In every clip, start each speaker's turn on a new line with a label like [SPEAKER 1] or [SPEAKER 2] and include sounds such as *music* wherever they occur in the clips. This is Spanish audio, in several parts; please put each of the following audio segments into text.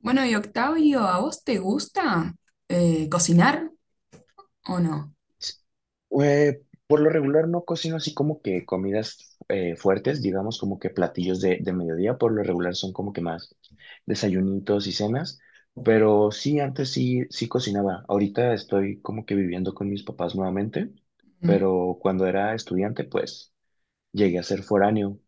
[SPEAKER 1] Bueno, y Octavio, ¿a vos te gusta cocinar o no?
[SPEAKER 2] Eh, por lo regular no cocino así como que comidas fuertes, digamos como que platillos de mediodía, por lo regular son como que más desayunitos y cenas, pero sí, antes sí, sí cocinaba. Ahorita estoy como que viviendo con mis papás nuevamente,
[SPEAKER 1] Mm,
[SPEAKER 2] pero cuando era estudiante pues llegué a ser foráneo,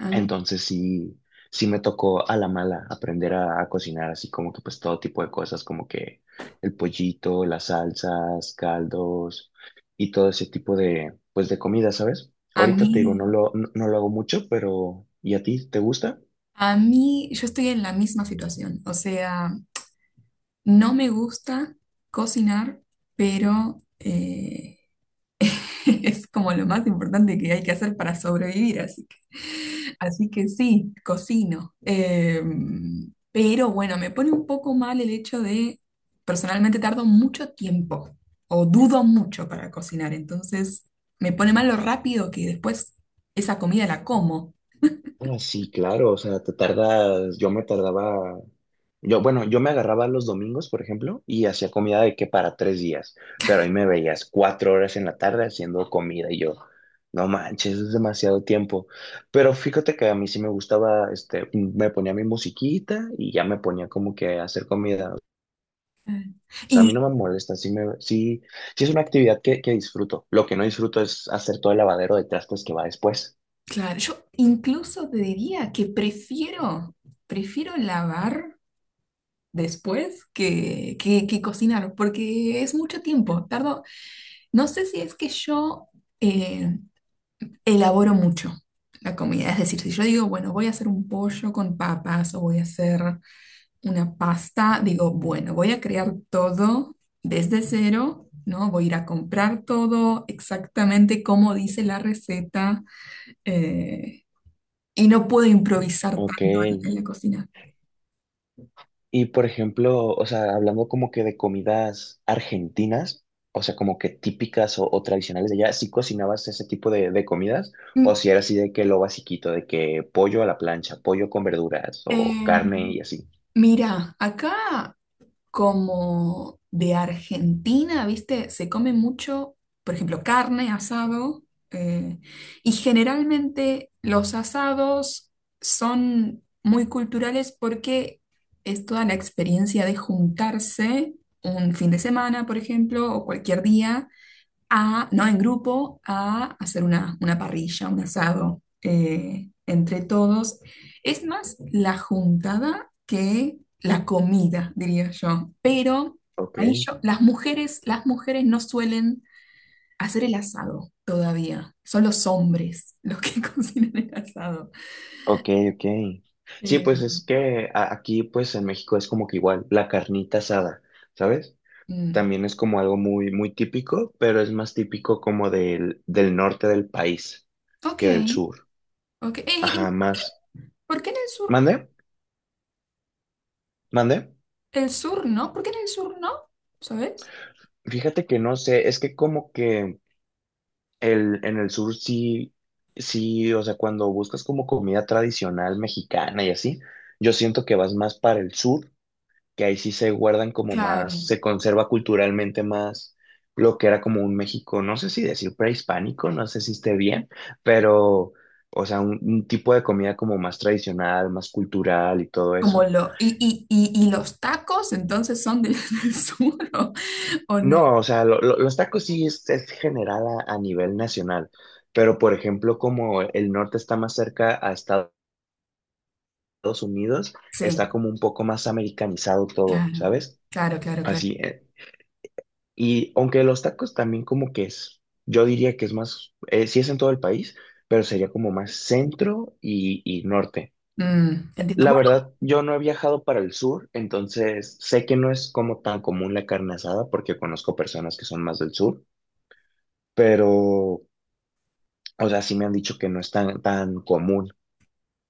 [SPEAKER 1] ah,
[SPEAKER 2] entonces sí, sí me tocó a la mala aprender a cocinar así como que pues todo tipo de cosas, como que el pollito, las salsas, caldos y todo ese tipo de pues de comida, ¿sabes?
[SPEAKER 1] a
[SPEAKER 2] Ahorita
[SPEAKER 1] mí,
[SPEAKER 2] te digo, no lo hago mucho, pero ¿y a ti te gusta?
[SPEAKER 1] a mí, yo estoy en la misma situación. O sea, no me gusta cocinar, pero *laughs* es como lo más importante que hay que hacer para sobrevivir, así que, sí, cocino. Pero bueno, me pone un poco mal el hecho de, personalmente tardo mucho tiempo o dudo mucho para cocinar, entonces me pone mal lo rápido que después esa comida la como.
[SPEAKER 2] Ah, sí, claro, o sea, te tardas, yo me tardaba. Yo, bueno, yo me agarraba los domingos, por ejemplo, y hacía comida de que para 3 días, pero ahí me veías 4 horas en la tarde haciendo comida y yo, no manches, es demasiado tiempo. Pero fíjate que a mí sí me gustaba, este, me ponía mi musiquita y ya me ponía como que a hacer comida.
[SPEAKER 1] Ah.
[SPEAKER 2] O sea, a mí no
[SPEAKER 1] Y
[SPEAKER 2] me molesta, sí es una actividad que disfruto. Lo que no disfruto es hacer todo el lavadero de trastes que va después.
[SPEAKER 1] claro, yo incluso te diría que prefiero lavar después que cocinar, porque es mucho tiempo, tardo. No sé si es que yo eh, elaboro mucho la comida. Es decir, si yo digo, bueno, voy a hacer un pollo con papas o voy a hacer una pasta, digo, bueno, voy a crear todo desde cero, ¿no? Voy a ir a comprar todo exactamente como dice la receta, eh, y no puedo improvisar
[SPEAKER 2] Ok.
[SPEAKER 1] tanto en la cocina.
[SPEAKER 2] Y por ejemplo, o sea, hablando como que de comidas argentinas, o sea, como que típicas o tradicionales de allá, ¿sí cocinabas ese tipo de comidas? ¿O
[SPEAKER 1] Mm,
[SPEAKER 2] si era así de que lo basiquito, de que pollo a la plancha, pollo con verduras o
[SPEAKER 1] eh,
[SPEAKER 2] carne y así?
[SPEAKER 1] mira, acá como de Argentina, ¿viste? Se come mucho, por ejemplo, carne, asado, eh, y generalmente los asados son muy culturales porque es toda la experiencia de juntarse un fin de semana, por ejemplo, o cualquier día a, no en grupo, a hacer una parrilla, un asado entre todos. Es más la juntada que la comida, diría yo. Pero
[SPEAKER 2] Ok,
[SPEAKER 1] ahí yo, las mujeres no suelen hacer el asado todavía. Son los hombres los que *laughs* cocinan el asado.
[SPEAKER 2] ok, ok. Sí,
[SPEAKER 1] Eh,
[SPEAKER 2] pues es que aquí, pues en México es como que igual, la carnita asada, ¿sabes?
[SPEAKER 1] mm,
[SPEAKER 2] También es como algo muy, muy típico, pero es más típico como del norte del país
[SPEAKER 1] ok,
[SPEAKER 2] que del sur.
[SPEAKER 1] ok.
[SPEAKER 2] Ajá, más.
[SPEAKER 1] ¿Por qué en el sur no?
[SPEAKER 2] ¿Mande? ¿Mande?
[SPEAKER 1] El sur no, ¿por qué en el sur no? ¿Sabes?
[SPEAKER 2] Fíjate que no sé, es que como que en el sur sí, sí, o sea, cuando buscas como comida tradicional mexicana y así, yo siento que vas más para el sur, que ahí sí se guardan como más,
[SPEAKER 1] Claro.
[SPEAKER 2] se conserva culturalmente más lo que era como un México, no sé si decir prehispánico, no sé si esté bien, pero, o sea, un tipo de comida como más tradicional, más cultural y todo
[SPEAKER 1] Como
[SPEAKER 2] eso.
[SPEAKER 1] lo, y los tacos entonces son del, *laughs* del sur, o no?
[SPEAKER 2] No, o sea, los tacos sí es general a nivel nacional, pero por ejemplo, como el norte está más cerca a Estados Unidos, está
[SPEAKER 1] Sí,
[SPEAKER 2] como un poco más americanizado todo,
[SPEAKER 1] claro,
[SPEAKER 2] ¿sabes?
[SPEAKER 1] claro, claro, claro.
[SPEAKER 2] Así, y aunque los tacos también como que es, yo diría que es más, sí es en todo el país, pero sería como más centro y norte.
[SPEAKER 1] Mm, entiendo.
[SPEAKER 2] La verdad, yo no he viajado para el sur, entonces sé que no es como tan común la carne asada porque conozco personas que son más del sur. Pero o sea, sí me han dicho que no es tan, tan común,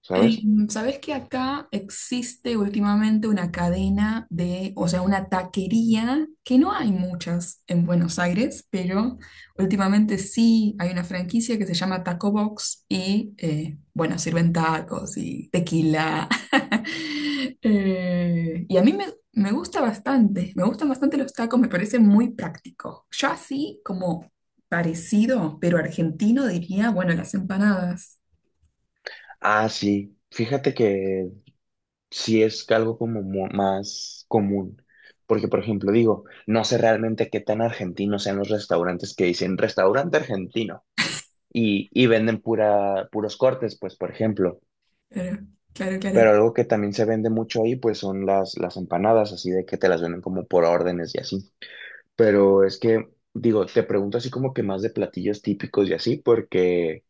[SPEAKER 2] ¿sabes?
[SPEAKER 1] Em, ¿sabes que acá existe últimamente una cadena de, o sea, una taquería, que no hay muchas en Buenos Aires, pero últimamente sí hay una franquicia que se llama Taco Box y, bueno, sirven tacos y tequila? *laughs* Y a me gusta bastante, me gustan bastante los tacos, me parece muy práctico. Yo así como parecido, pero argentino, diría, bueno, las empanadas.
[SPEAKER 2] Ah, sí. Fíjate que sí es algo como más común. Porque, por ejemplo, digo, no sé realmente qué tan argentinos sean los restaurantes que dicen restaurante argentino y venden pura, puros cortes, pues, por ejemplo.
[SPEAKER 1] Claro, claro,
[SPEAKER 2] Pero
[SPEAKER 1] claro.
[SPEAKER 2] algo que también se vende mucho ahí, pues, son las empanadas, así de que te las venden como por órdenes y así. Pero es que, digo, te pregunto así como que más de platillos típicos y así, porque...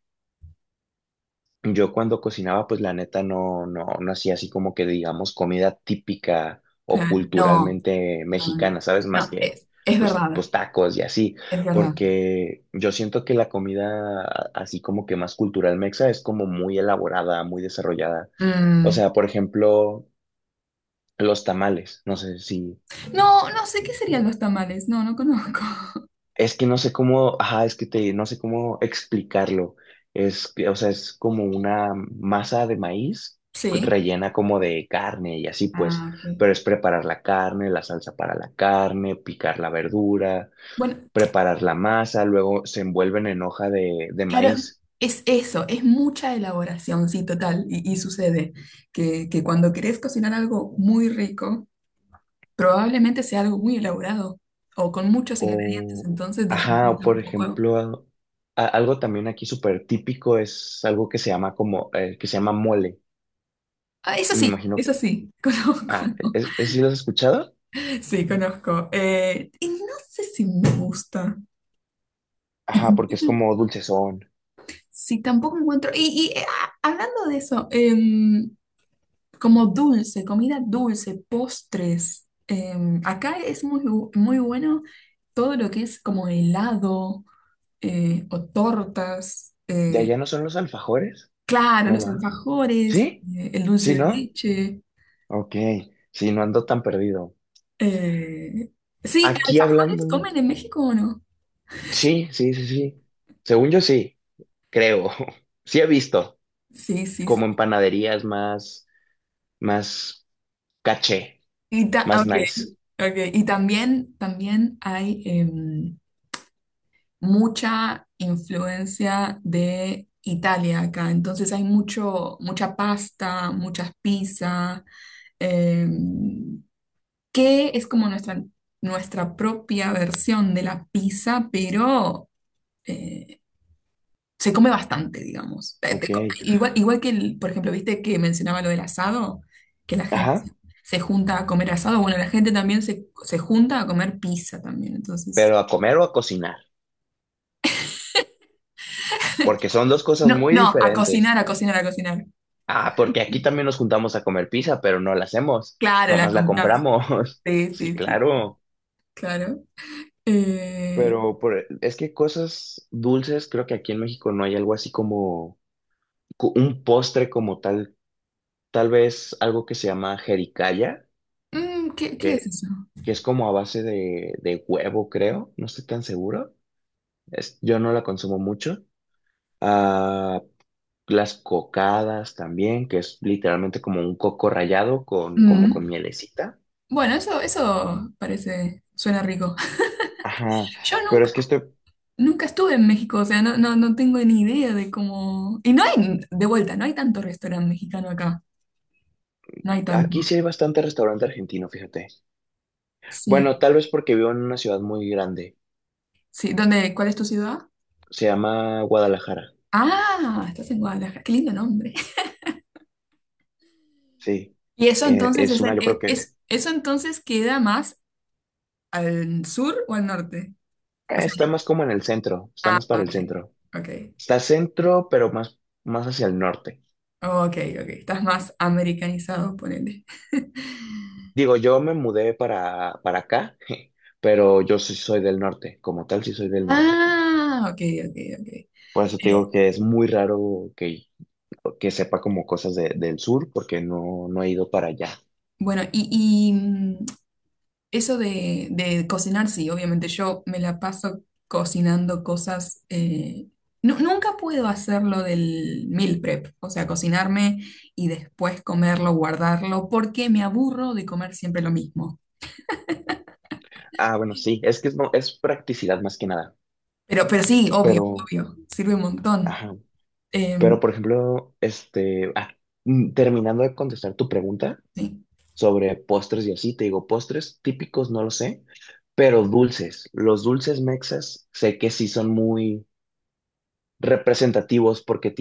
[SPEAKER 2] Yo cuando cocinaba, pues la neta no hacía así como que digamos comida típica o
[SPEAKER 1] Claro, no,
[SPEAKER 2] culturalmente
[SPEAKER 1] no, no,
[SPEAKER 2] mexicana, ¿sabes? Más
[SPEAKER 1] no,
[SPEAKER 2] que
[SPEAKER 1] es
[SPEAKER 2] pues,
[SPEAKER 1] verdad,
[SPEAKER 2] pues tacos y así,
[SPEAKER 1] es verdad.
[SPEAKER 2] porque yo siento que la comida así como que más cultural mexa es como muy elaborada, muy desarrollada. O
[SPEAKER 1] Mm,
[SPEAKER 2] sea, por ejemplo, los tamales, no sé si.
[SPEAKER 1] no, no sé qué serían los tamales, no, no conozco. *laughs*
[SPEAKER 2] Es que no sé cómo, ajá, es que te, no sé cómo explicarlo. Es, que, o sea, es como una masa de maíz
[SPEAKER 1] Sí.
[SPEAKER 2] rellena como de carne y así pues,
[SPEAKER 1] Ah, ok.
[SPEAKER 2] pero es preparar la carne, la salsa para la carne, picar la verdura,
[SPEAKER 1] Bueno,
[SPEAKER 2] preparar la masa, luego se envuelven en hoja de
[SPEAKER 1] claro,
[SPEAKER 2] maíz.
[SPEAKER 1] es eso, es mucha elaboración, sí, total. Y sucede que cuando querés cocinar algo muy rico, probablemente sea algo muy elaborado o con muchos ingredientes,
[SPEAKER 2] O,
[SPEAKER 1] entonces
[SPEAKER 2] ajá, o
[SPEAKER 1] dificulta un
[SPEAKER 2] por
[SPEAKER 1] poco.
[SPEAKER 2] ejemplo, algo también aquí súper típico es algo que se llama como, que se llama mole.
[SPEAKER 1] Ah,
[SPEAKER 2] Me imagino,
[SPEAKER 1] eso sí, *laughs* conozco.
[SPEAKER 2] ah, sí lo has escuchado?
[SPEAKER 1] Sí, conozco. Y no sé si me gusta. Y
[SPEAKER 2] Ajá, porque
[SPEAKER 1] tampoco,
[SPEAKER 2] es como dulcezón.
[SPEAKER 1] sí, tampoco encuentro. Hablando de eso, em, como dulce, comida dulce, postres, em, acá es muy, bu- muy bueno todo lo que es como helado o tortas,
[SPEAKER 2] ¿De allá no son los alfajores?
[SPEAKER 1] claro,
[SPEAKER 2] ¿No
[SPEAKER 1] los
[SPEAKER 2] va?
[SPEAKER 1] alfajores,
[SPEAKER 2] ¿Sí?
[SPEAKER 1] el dulce
[SPEAKER 2] ¿Sí,
[SPEAKER 1] de
[SPEAKER 2] no?
[SPEAKER 1] leche.
[SPEAKER 2] Ok, sí, no ando tan perdido.
[SPEAKER 1] eh, Sí,
[SPEAKER 2] Aquí
[SPEAKER 1] ¿alfajores
[SPEAKER 2] hablando,
[SPEAKER 1] comen en México o no?
[SPEAKER 2] sí, sí, sí, sí. Según yo sí, creo. *laughs* Sí he visto,
[SPEAKER 1] Sí, sí. Sí.
[SPEAKER 2] como en panaderías más, más caché,
[SPEAKER 1] Y, ta-
[SPEAKER 2] más
[SPEAKER 1] ok,
[SPEAKER 2] nice.
[SPEAKER 1] ok. Y también, también hay. Em, mucha influencia de Italia acá. Entonces hay mucho, mucha pasta, muchas pizzas, eh, que es como nuestra propia versión de la pizza, pero eh, se come bastante, digamos.
[SPEAKER 2] Ok,
[SPEAKER 1] Te co- igual, por ejemplo, viste que mencionaba lo del asado, que la gente se
[SPEAKER 2] ajá,
[SPEAKER 1] se junta a comer asado. Bueno, la gente también se junta a comer pizza también. Entonces,
[SPEAKER 2] pero a comer o a cocinar, porque son dos cosas
[SPEAKER 1] no,
[SPEAKER 2] muy
[SPEAKER 1] no, a
[SPEAKER 2] diferentes.
[SPEAKER 1] cocinar, a cocinar, a cocinar.
[SPEAKER 2] Ah, porque aquí también nos juntamos a comer pizza, pero no la hacemos,
[SPEAKER 1] Claro, la
[SPEAKER 2] nomás la
[SPEAKER 1] compras.
[SPEAKER 2] compramos. *laughs*
[SPEAKER 1] Sí,
[SPEAKER 2] Sí,
[SPEAKER 1] sí, sí,
[SPEAKER 2] claro.
[SPEAKER 1] claro. Eh,
[SPEAKER 2] Pero es que cosas dulces, creo que aquí en México no hay algo así como un postre como tal, tal vez algo que se llama jericaya,
[SPEAKER 1] ¿Qué, qué es
[SPEAKER 2] que,
[SPEAKER 1] eso?
[SPEAKER 2] que es como a base de huevo, creo, no estoy tan seguro. Yo no la consumo mucho. Ah, las cocadas también, que es literalmente como un coco rallado con, como con
[SPEAKER 1] Mm.
[SPEAKER 2] mielecita.
[SPEAKER 1] Bueno, eso parece, suena rico.
[SPEAKER 2] Ajá,
[SPEAKER 1] Yo
[SPEAKER 2] pero
[SPEAKER 1] nunca,
[SPEAKER 2] es que estoy,
[SPEAKER 1] nunca estuve en México, o sea, no, no, no tengo ni idea de cómo. Y no hay, de vuelta, no hay tanto restaurante mexicano acá. No hay
[SPEAKER 2] aquí sí
[SPEAKER 1] tanto.
[SPEAKER 2] hay bastante restaurante argentino, fíjate.
[SPEAKER 1] Sí,
[SPEAKER 2] Bueno, tal vez porque vivo en una ciudad muy grande.
[SPEAKER 1] sí. ¿Dónde, cuál es tu ciudad?
[SPEAKER 2] Se llama Guadalajara,
[SPEAKER 1] Ah, estás en Guadalajara. Qué lindo nombre. *laughs*
[SPEAKER 2] sí.
[SPEAKER 1] ¿Y eso entonces
[SPEAKER 2] Es
[SPEAKER 1] es,
[SPEAKER 2] una,
[SPEAKER 1] en-
[SPEAKER 2] yo
[SPEAKER 1] es,
[SPEAKER 2] creo que
[SPEAKER 1] es- eso entonces queda más al sur o al norte? O sea,
[SPEAKER 2] está más como en el centro, está
[SPEAKER 1] ah,
[SPEAKER 2] más para el
[SPEAKER 1] ok,
[SPEAKER 2] centro.
[SPEAKER 1] ok.
[SPEAKER 2] Está centro, pero más, más hacia el norte.
[SPEAKER 1] Ok, ok. Estás más americanizado, ponele.
[SPEAKER 2] Digo, yo me mudé para acá, *laughs* pero yo sí soy del norte, como tal sí soy del norte.
[SPEAKER 1] Ah, ok, ok, ok.
[SPEAKER 2] Por eso te digo
[SPEAKER 1] Eh,
[SPEAKER 2] que es muy raro que sepa como cosas del sur, porque no, no he ido para allá.
[SPEAKER 1] bueno, eso de cocinar, sí, obviamente yo me la paso cocinando cosas. Nu- nunca puedo hacerlo del meal prep, o sea, cocinarme y después comerlo, guardarlo, porque me aburro de comer siempre lo mismo.
[SPEAKER 2] Ah, bueno, sí, es que es, es practicidad más que nada,
[SPEAKER 1] Pero sí, obvio,
[SPEAKER 2] pero,
[SPEAKER 1] obvio, sirve un montón.
[SPEAKER 2] ajá.
[SPEAKER 1] Em,
[SPEAKER 2] Pero, por ejemplo, este, ah, mm, terminando de contestar tu pregunta
[SPEAKER 1] sí.
[SPEAKER 2] sobre postres y así, te digo, postres típicos no lo sé, pero dulces. Los dulces mexas sé que sí son muy representativos porque